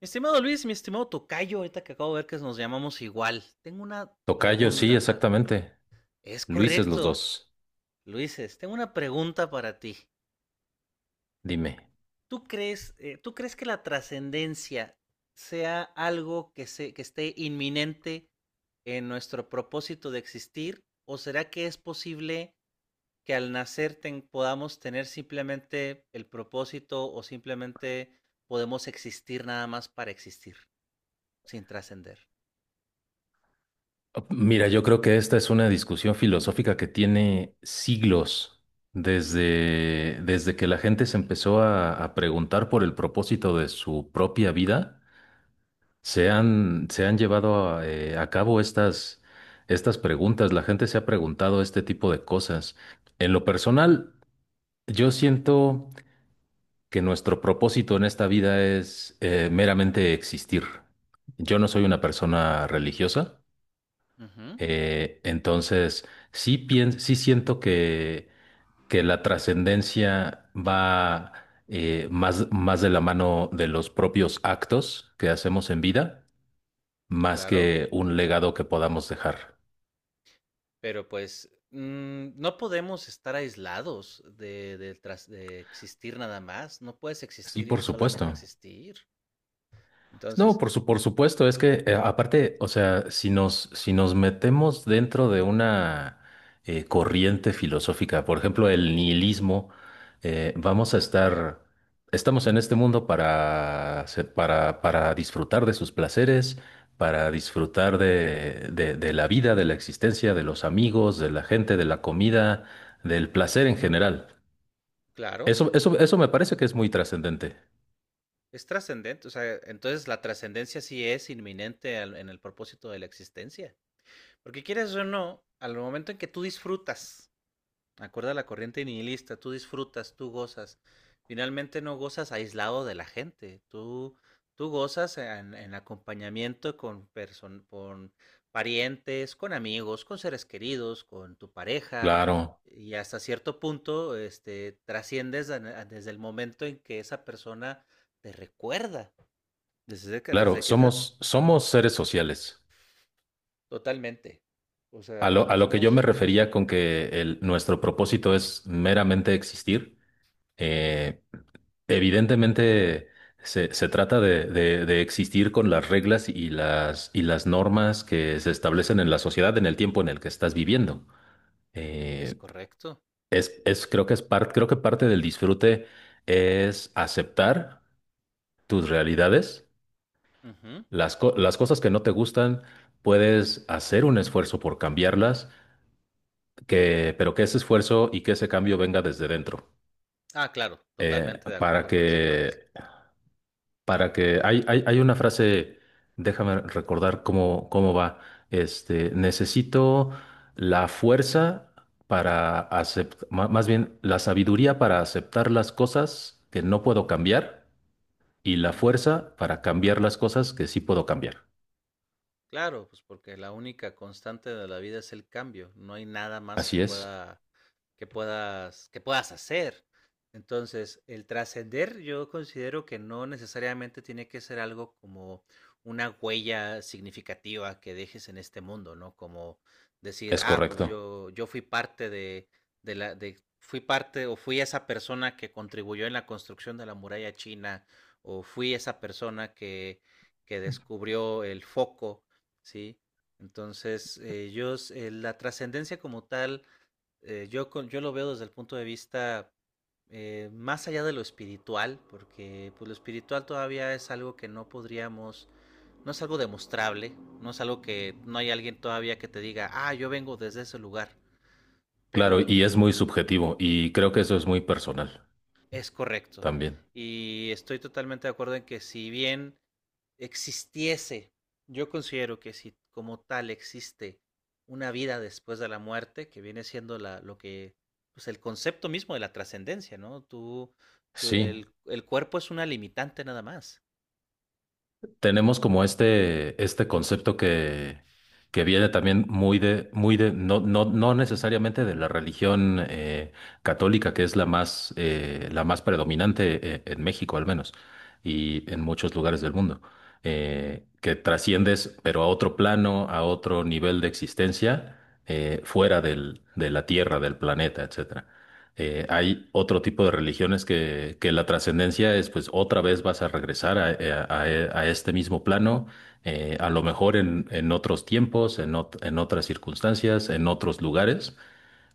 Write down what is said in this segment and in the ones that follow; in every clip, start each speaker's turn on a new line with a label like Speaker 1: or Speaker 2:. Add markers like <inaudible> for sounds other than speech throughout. Speaker 1: Mi estimado Luis, mi estimado Tocayo, ahorita que acabo de ver que nos llamamos igual, tengo una
Speaker 2: Tocayo, sí,
Speaker 1: pregunta para...
Speaker 2: exactamente.
Speaker 1: Es
Speaker 2: Luises los
Speaker 1: correcto,
Speaker 2: dos.
Speaker 1: Luises, tengo una pregunta para ti.
Speaker 2: Dime.
Speaker 1: ¿Tú crees que la trascendencia sea algo que esté inminente en nuestro propósito de existir? ¿O será que es posible que al nacer podamos tener simplemente el propósito o simplemente podemos existir nada más para existir, sin trascender?
Speaker 2: Oh, Mira, yo creo que esta es una discusión filosófica que tiene siglos desde que la gente se empezó a preguntar por el propósito de su propia vida. Se han llevado a cabo estas preguntas. La gente se ha preguntado este tipo de cosas. En lo personal, yo siento que nuestro propósito en esta vida es meramente existir. Yo no soy una persona religiosa,
Speaker 1: Uh -huh,
Speaker 2: entonces sí, sí siento que la trascendencia va, más, más de la mano de los propios actos que hacemos en vida, más
Speaker 1: claro.
Speaker 2: que un legado que podamos dejar.
Speaker 1: Pero pues no podemos estar aislados de existir nada más. No puedes
Speaker 2: Sí,
Speaker 1: existir y
Speaker 2: por
Speaker 1: solamente
Speaker 2: supuesto.
Speaker 1: existir.
Speaker 2: No,
Speaker 1: Entonces,
Speaker 2: por supuesto. Es que aparte, o sea, si nos metemos dentro de una, corriente filosófica, por ejemplo, el nihilismo. eh, vamos a estar, estamos en este mundo para, para disfrutar de sus placeres, para disfrutar de la vida, de la existencia, de los amigos, de la gente, de la comida, del placer en general.
Speaker 1: claro,
Speaker 2: Eso me parece que es muy trascendente.
Speaker 1: es trascendente. O sea, entonces la trascendencia sí es inminente en el propósito de la existencia. Porque quieres o no, al momento en que tú disfrutas acorde a la corriente nihilista, tú disfrutas, tú gozas. Finalmente no gozas aislado de la gente, tú gozas en acompañamiento con parientes, con amigos, con seres queridos, con tu pareja
Speaker 2: Claro.
Speaker 1: y hasta cierto punto este, trasciendes desde el momento en que esa persona te recuerda,
Speaker 2: Claro,
Speaker 1: desde que sea
Speaker 2: somos seres sociales.
Speaker 1: totalmente. O sea,
Speaker 2: A lo que yo me
Speaker 1: somos...
Speaker 2: refería con que nuestro propósito es meramente existir, eh, evidentemente se trata de, de existir con las reglas y y las normas que se establecen en la sociedad en el tiempo en el que estás viviendo.
Speaker 1: Es
Speaker 2: Eh,
Speaker 1: correcto.
Speaker 2: creo que es parte, creo que parte del disfrute es aceptar tus realidades,
Speaker 1: Ujú.
Speaker 2: las, las cosas que no te gustan. Puedes hacer un esfuerzo por cambiarlas que, pero que ese esfuerzo y que ese cambio venga desde dentro.
Speaker 1: Ah, claro,
Speaker 2: Eh,
Speaker 1: totalmente de
Speaker 2: para
Speaker 1: acuerdo con esa
Speaker 2: que,
Speaker 1: parte.
Speaker 2: para que, hay una frase, déjame recordar cómo va. Este, necesito la fuerza para aceptar, más bien la sabiduría para aceptar las cosas que no puedo cambiar y la
Speaker 1: Ujú.
Speaker 2: fuerza para cambiar las cosas que sí puedo cambiar.
Speaker 1: Claro, pues porque la única constante de la vida es el cambio, no hay nada más que
Speaker 2: Así
Speaker 1: pueda que puedas hacer. Entonces, el trascender yo considero que no necesariamente tiene que ser algo como una huella significativa que dejes en este mundo, ¿no? Como decir,
Speaker 2: es
Speaker 1: ah, pues
Speaker 2: correcto.
Speaker 1: yo fui parte de fui parte o fui esa persona que contribuyó en la construcción de la muralla china o fui esa persona que descubrió el foco. Sí, entonces la trascendencia como tal, yo, yo lo veo desde el punto de vista más allá de lo espiritual, porque pues, lo espiritual todavía es algo que no podríamos, no es algo demostrable, no es algo que no hay alguien todavía que te diga, ah, yo vengo desde ese lugar,
Speaker 2: Claro,
Speaker 1: pero
Speaker 2: y es muy subjetivo y creo que eso es muy personal
Speaker 1: es correcto.
Speaker 2: también.
Speaker 1: Y estoy totalmente de acuerdo en que si bien existiese, yo considero que si como tal existe una vida después de la muerte, que viene siendo lo que, pues el concepto mismo de la trascendencia, ¿no? Tú,
Speaker 2: Sí,
Speaker 1: el cuerpo es una limitante nada más,
Speaker 2: tenemos como este concepto que viene también muy de, no, no, no necesariamente de la religión, católica, que es la más predominante en México al menos, y en muchos lugares del mundo. Que trasciendes, pero a otro plano, a otro nivel de existencia, fuera del, de la Tierra, del planeta, etc. Hay otro tipo de religiones que la trascendencia es, pues otra vez vas a regresar a, a este mismo plano, a lo mejor en otros tiempos, en, en otras circunstancias, en otros lugares,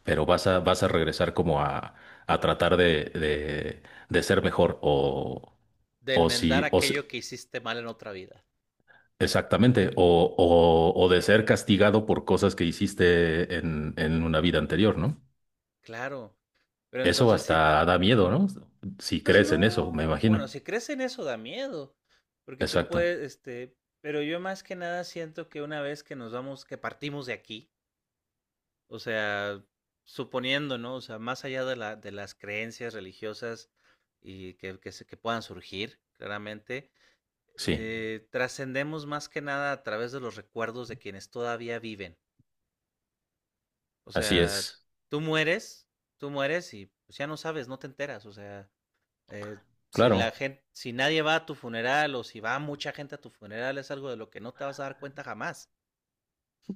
Speaker 2: pero vas a, vas a regresar como a tratar de ser mejor
Speaker 1: de
Speaker 2: o
Speaker 1: enmendar
Speaker 2: si,
Speaker 1: aquello que hiciste mal en otra vida.
Speaker 2: exactamente, o de ser castigado por cosas que hiciste en una vida anterior, ¿no?
Speaker 1: Claro, pero
Speaker 2: Eso
Speaker 1: entonces si,
Speaker 2: hasta da miedo, ¿no? Si
Speaker 1: pues
Speaker 2: crees en eso, me
Speaker 1: no,
Speaker 2: imagino.
Speaker 1: bueno, si crees en eso da miedo, porque tú
Speaker 2: Exacto,
Speaker 1: puedes, este, pero yo más que nada siento que una vez que nos vamos, que partimos de aquí. O sea, suponiendo, ¿no? O sea, más allá de de las creencias religiosas y que puedan surgir, claramente,
Speaker 2: sí,
Speaker 1: trascendemos más que nada a través de los recuerdos de quienes todavía viven. O
Speaker 2: así
Speaker 1: sea,
Speaker 2: es.
Speaker 1: tú mueres, tú mueres y pues, ya no sabes, no te enteras. O sea, eh, si la
Speaker 2: Claro,
Speaker 1: gente, si nadie va a tu funeral o si va mucha gente a tu funeral, es algo de lo que no te vas a dar cuenta jamás.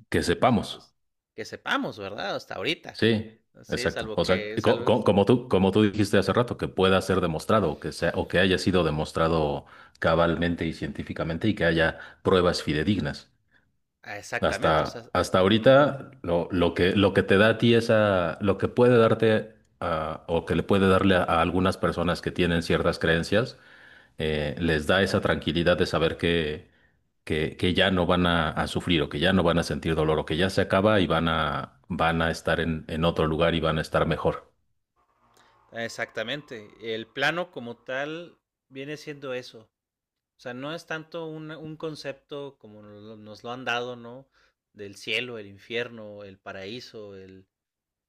Speaker 2: que sepamos,
Speaker 1: Entonces, que sepamos, ¿verdad? Hasta ahorita.
Speaker 2: sí,
Speaker 1: Sí,
Speaker 2: exacto. O sea,
Speaker 1: salvo,
Speaker 2: como tú dijiste hace rato, que pueda ser demostrado, que sea, o que haya sido demostrado cabalmente y científicamente y que haya pruebas fidedignas.
Speaker 1: ah, exactamente, o sea,
Speaker 2: Hasta, hasta ahorita, lo que te da a ti esa, lo que puede darte, ah, o que le puede darle a algunas personas que tienen ciertas creencias, les da esa tranquilidad de saber que ya no van a sufrir o que ya no van a sentir dolor o que ya se acaba y van a, van a estar en otro lugar y van a estar mejor.
Speaker 1: exactamente. El plano como tal viene siendo eso. O sea, no es tanto un concepto como nos lo han dado, ¿no? Del cielo, el infierno, el paraíso, el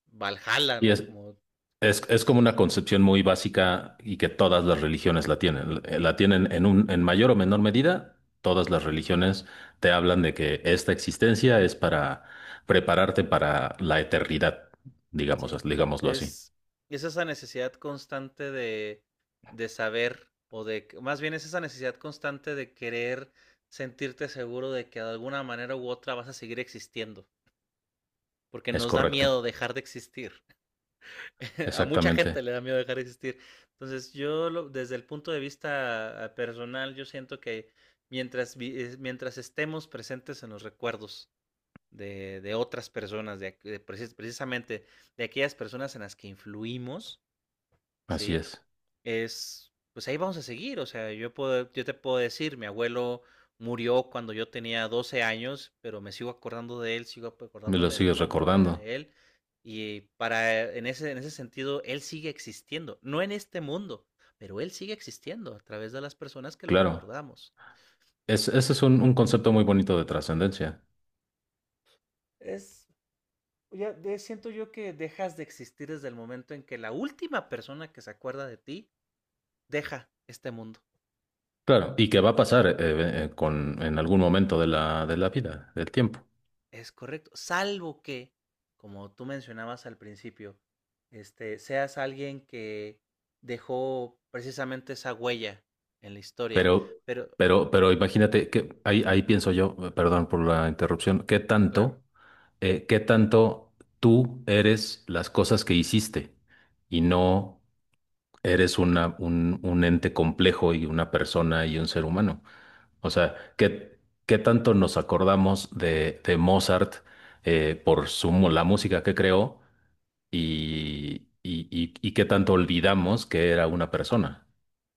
Speaker 1: Valhalla,
Speaker 2: Y
Speaker 1: ¿no?
Speaker 2: es,
Speaker 1: Como,
Speaker 2: es como una concepción muy básica y que todas las religiones la tienen. La tienen en un, en mayor o menor medida. Todas las religiones te hablan de que esta existencia es para prepararte para la eternidad, digamos,
Speaker 1: sí, pues
Speaker 2: digámoslo así.
Speaker 1: es esa necesidad constante de saber, más bien es esa necesidad constante de querer sentirte seguro de que de alguna manera u otra vas a seguir existiendo, porque
Speaker 2: Es
Speaker 1: nos da
Speaker 2: correcto.
Speaker 1: miedo dejar de existir. <laughs> A mucha
Speaker 2: Exactamente.
Speaker 1: gente le da miedo dejar de existir. Entonces, desde el punto de vista personal, yo siento que mientras, mientras estemos presentes en los recuerdos de otras personas, de, aqu- de precis- precisamente de aquellas personas en las que influimos,
Speaker 2: Así
Speaker 1: ¿sí?
Speaker 2: es.
Speaker 1: Es, pues ahí vamos a seguir. O sea, yo, puedo, yo te puedo decir, mi abuelo murió cuando yo tenía 12 años, pero me sigo acordando de él, sigo
Speaker 2: Me lo
Speaker 1: acordándome de
Speaker 2: sigues
Speaker 1: cómo era
Speaker 2: recordando.
Speaker 1: él. Y para, en ese sentido, él sigue existiendo, no en este mundo, pero él sigue existiendo a través de las personas que lo
Speaker 2: Claro.
Speaker 1: recordamos.
Speaker 2: Ese es un concepto muy bonito de trascendencia.
Speaker 1: Es, siento yo que dejas de existir desde el momento en que la última persona que se acuerda de ti deja este mundo.
Speaker 2: Claro. Y que va a pasar con, en algún momento de la vida, del tiempo.
Speaker 1: Es correcto, salvo que, como tú mencionabas al principio, este, seas alguien que dejó precisamente esa huella en la historia.
Speaker 2: Pero,
Speaker 1: Pero,
Speaker 2: pero imagínate que ahí, ahí pienso yo, perdón por la interrupción,
Speaker 1: claro,
Speaker 2: qué tanto tú eres las cosas que hiciste y no eres una, un ente complejo y una persona y un ser humano? O sea, ¿qué, qué tanto nos acordamos de Mozart, por su, la música que creó y qué tanto olvidamos que era una persona?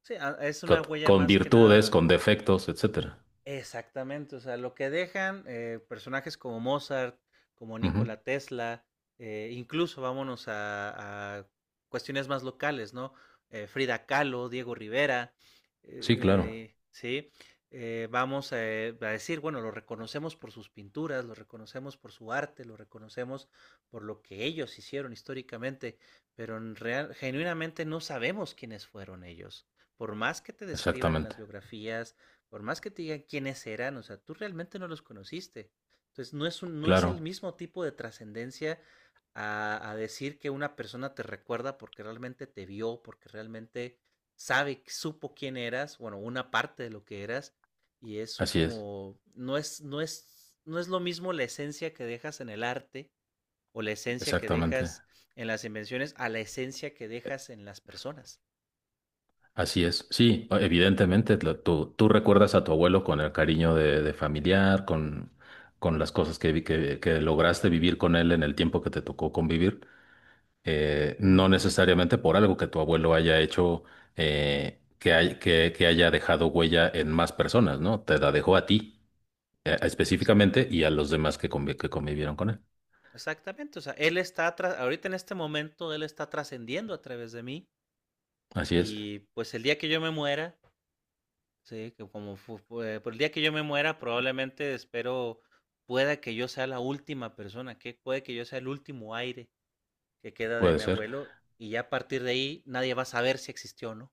Speaker 1: sí, a- es una huella
Speaker 2: Con
Speaker 1: más que
Speaker 2: virtudes,
Speaker 1: nada.
Speaker 2: con defectos, etcétera.
Speaker 1: Exactamente, o sea, lo que dejan personajes como Mozart, como
Speaker 2: Ujú.
Speaker 1: Nikola Tesla, incluso vámonos a cuestiones más locales, ¿no? Frida Kahlo, Diego Rivera,
Speaker 2: Sí, claro,
Speaker 1: ¿sí? Vamos a decir, bueno, lo reconocemos por sus pinturas, lo reconocemos por su arte, lo reconocemos por lo que ellos hicieron históricamente, pero en real, genuinamente no sabemos quiénes fueron ellos por más que te describan en las
Speaker 2: exactamente.
Speaker 1: biografías, por más que te digan quiénes eran, o sea, tú realmente no los conociste. Entonces, no es el
Speaker 2: Claro,
Speaker 1: mismo tipo de trascendencia a decir que una persona te recuerda porque realmente te vio, porque realmente sabe, supo quién eras, bueno, una parte de lo que eras, y eso
Speaker 2: así es,
Speaker 1: como, no es lo mismo la esencia que dejas en el arte o la esencia que
Speaker 2: exactamente.
Speaker 1: dejas en las invenciones a la esencia que dejas en las personas.
Speaker 2: Así es. Sí, evidentemente, tú, tú recuerdas a tu abuelo con el cariño de familiar, con las cosas que, que lograste vivir con él en el tiempo que te tocó convivir. No necesariamente por algo que tu abuelo haya hecho, que haya dejado huella en más personas, ¿no? Te la dejó a ti,
Speaker 1: Es
Speaker 2: específicamente
Speaker 1: correcto.
Speaker 2: y a los demás que, que convivieron con él.
Speaker 1: Exactamente, o sea, ahorita en este momento, él está trascendiendo a través de mí
Speaker 2: Así es,
Speaker 1: y pues el día que yo me muera, sí, que como fu- fue- por el día que yo me muera, probablemente espero pueda que yo sea la última persona, que puede que yo sea el último aire que queda de
Speaker 2: puede
Speaker 1: mi
Speaker 2: ser.
Speaker 1: abuelo y ya a partir de ahí nadie va a saber si existió o no.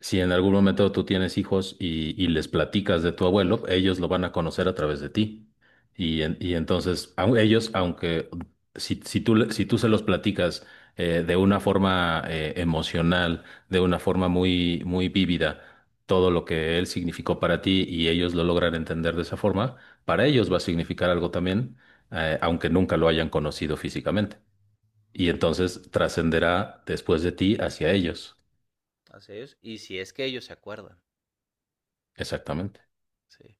Speaker 2: Si en algún momento tú tienes hijos y les platicas de tu abuelo, ellos lo van a conocer a través de ti. Y entonces, ellos, aunque si tú, si tú se los platicas, de una forma, emocional, de una forma muy vívida, todo lo que él significó para ti y ellos lo logran entender de esa forma, para ellos va a significar algo también, aunque nunca lo hayan conocido físicamente. Y
Speaker 1: Sí,
Speaker 2: entonces trascenderá después de ti hacia ellos.
Speaker 1: así es, y si es que ellos se acuerdan.
Speaker 2: Exactamente.
Speaker 1: Sí.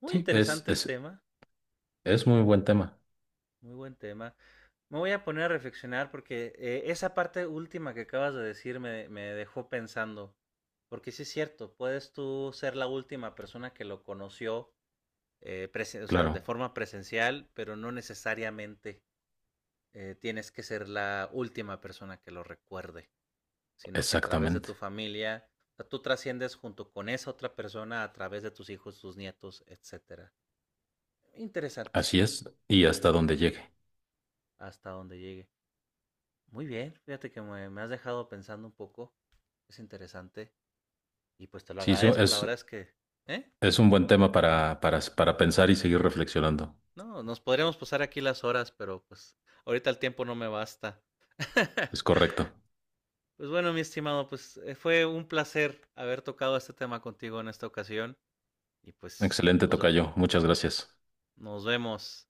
Speaker 1: Muy
Speaker 2: Sí,
Speaker 1: interesante el tema,
Speaker 2: es muy buen tema.
Speaker 1: muy buen tema. Me voy a poner a reflexionar porque esa parte última que acabas de decir me dejó pensando. Porque sí es cierto, puedes tú ser la última persona que lo conoció o sea, de
Speaker 2: Claro,
Speaker 1: forma presencial, pero no necesariamente tienes que ser la última persona que lo recuerde, sino que a través de tu
Speaker 2: exactamente.
Speaker 1: familia, o sea, tú trasciendes junto con esa otra persona a través de tus hijos, tus nietos, etcétera. Interesante,
Speaker 2: Así es. Y hasta donde
Speaker 1: interesante,
Speaker 2: llegue.
Speaker 1: hasta donde llegue. Muy bien, fíjate que me has dejado pensando un poco. Es interesante. Y pues te lo
Speaker 2: Sí,
Speaker 1: agradezco, la verdad es que, ¿eh?
Speaker 2: es un buen tema para pensar y seguir reflexionando.
Speaker 1: No, nos podríamos pasar aquí las horas, pero pues ahorita el tiempo no me basta.
Speaker 2: Es
Speaker 1: <laughs>
Speaker 2: correcto.
Speaker 1: Pues bueno, mi estimado, pues fue un placer haber tocado este tema contigo en esta ocasión. Y pues
Speaker 2: Excelente, tocayo. Muchas gracias.
Speaker 1: nos vemos.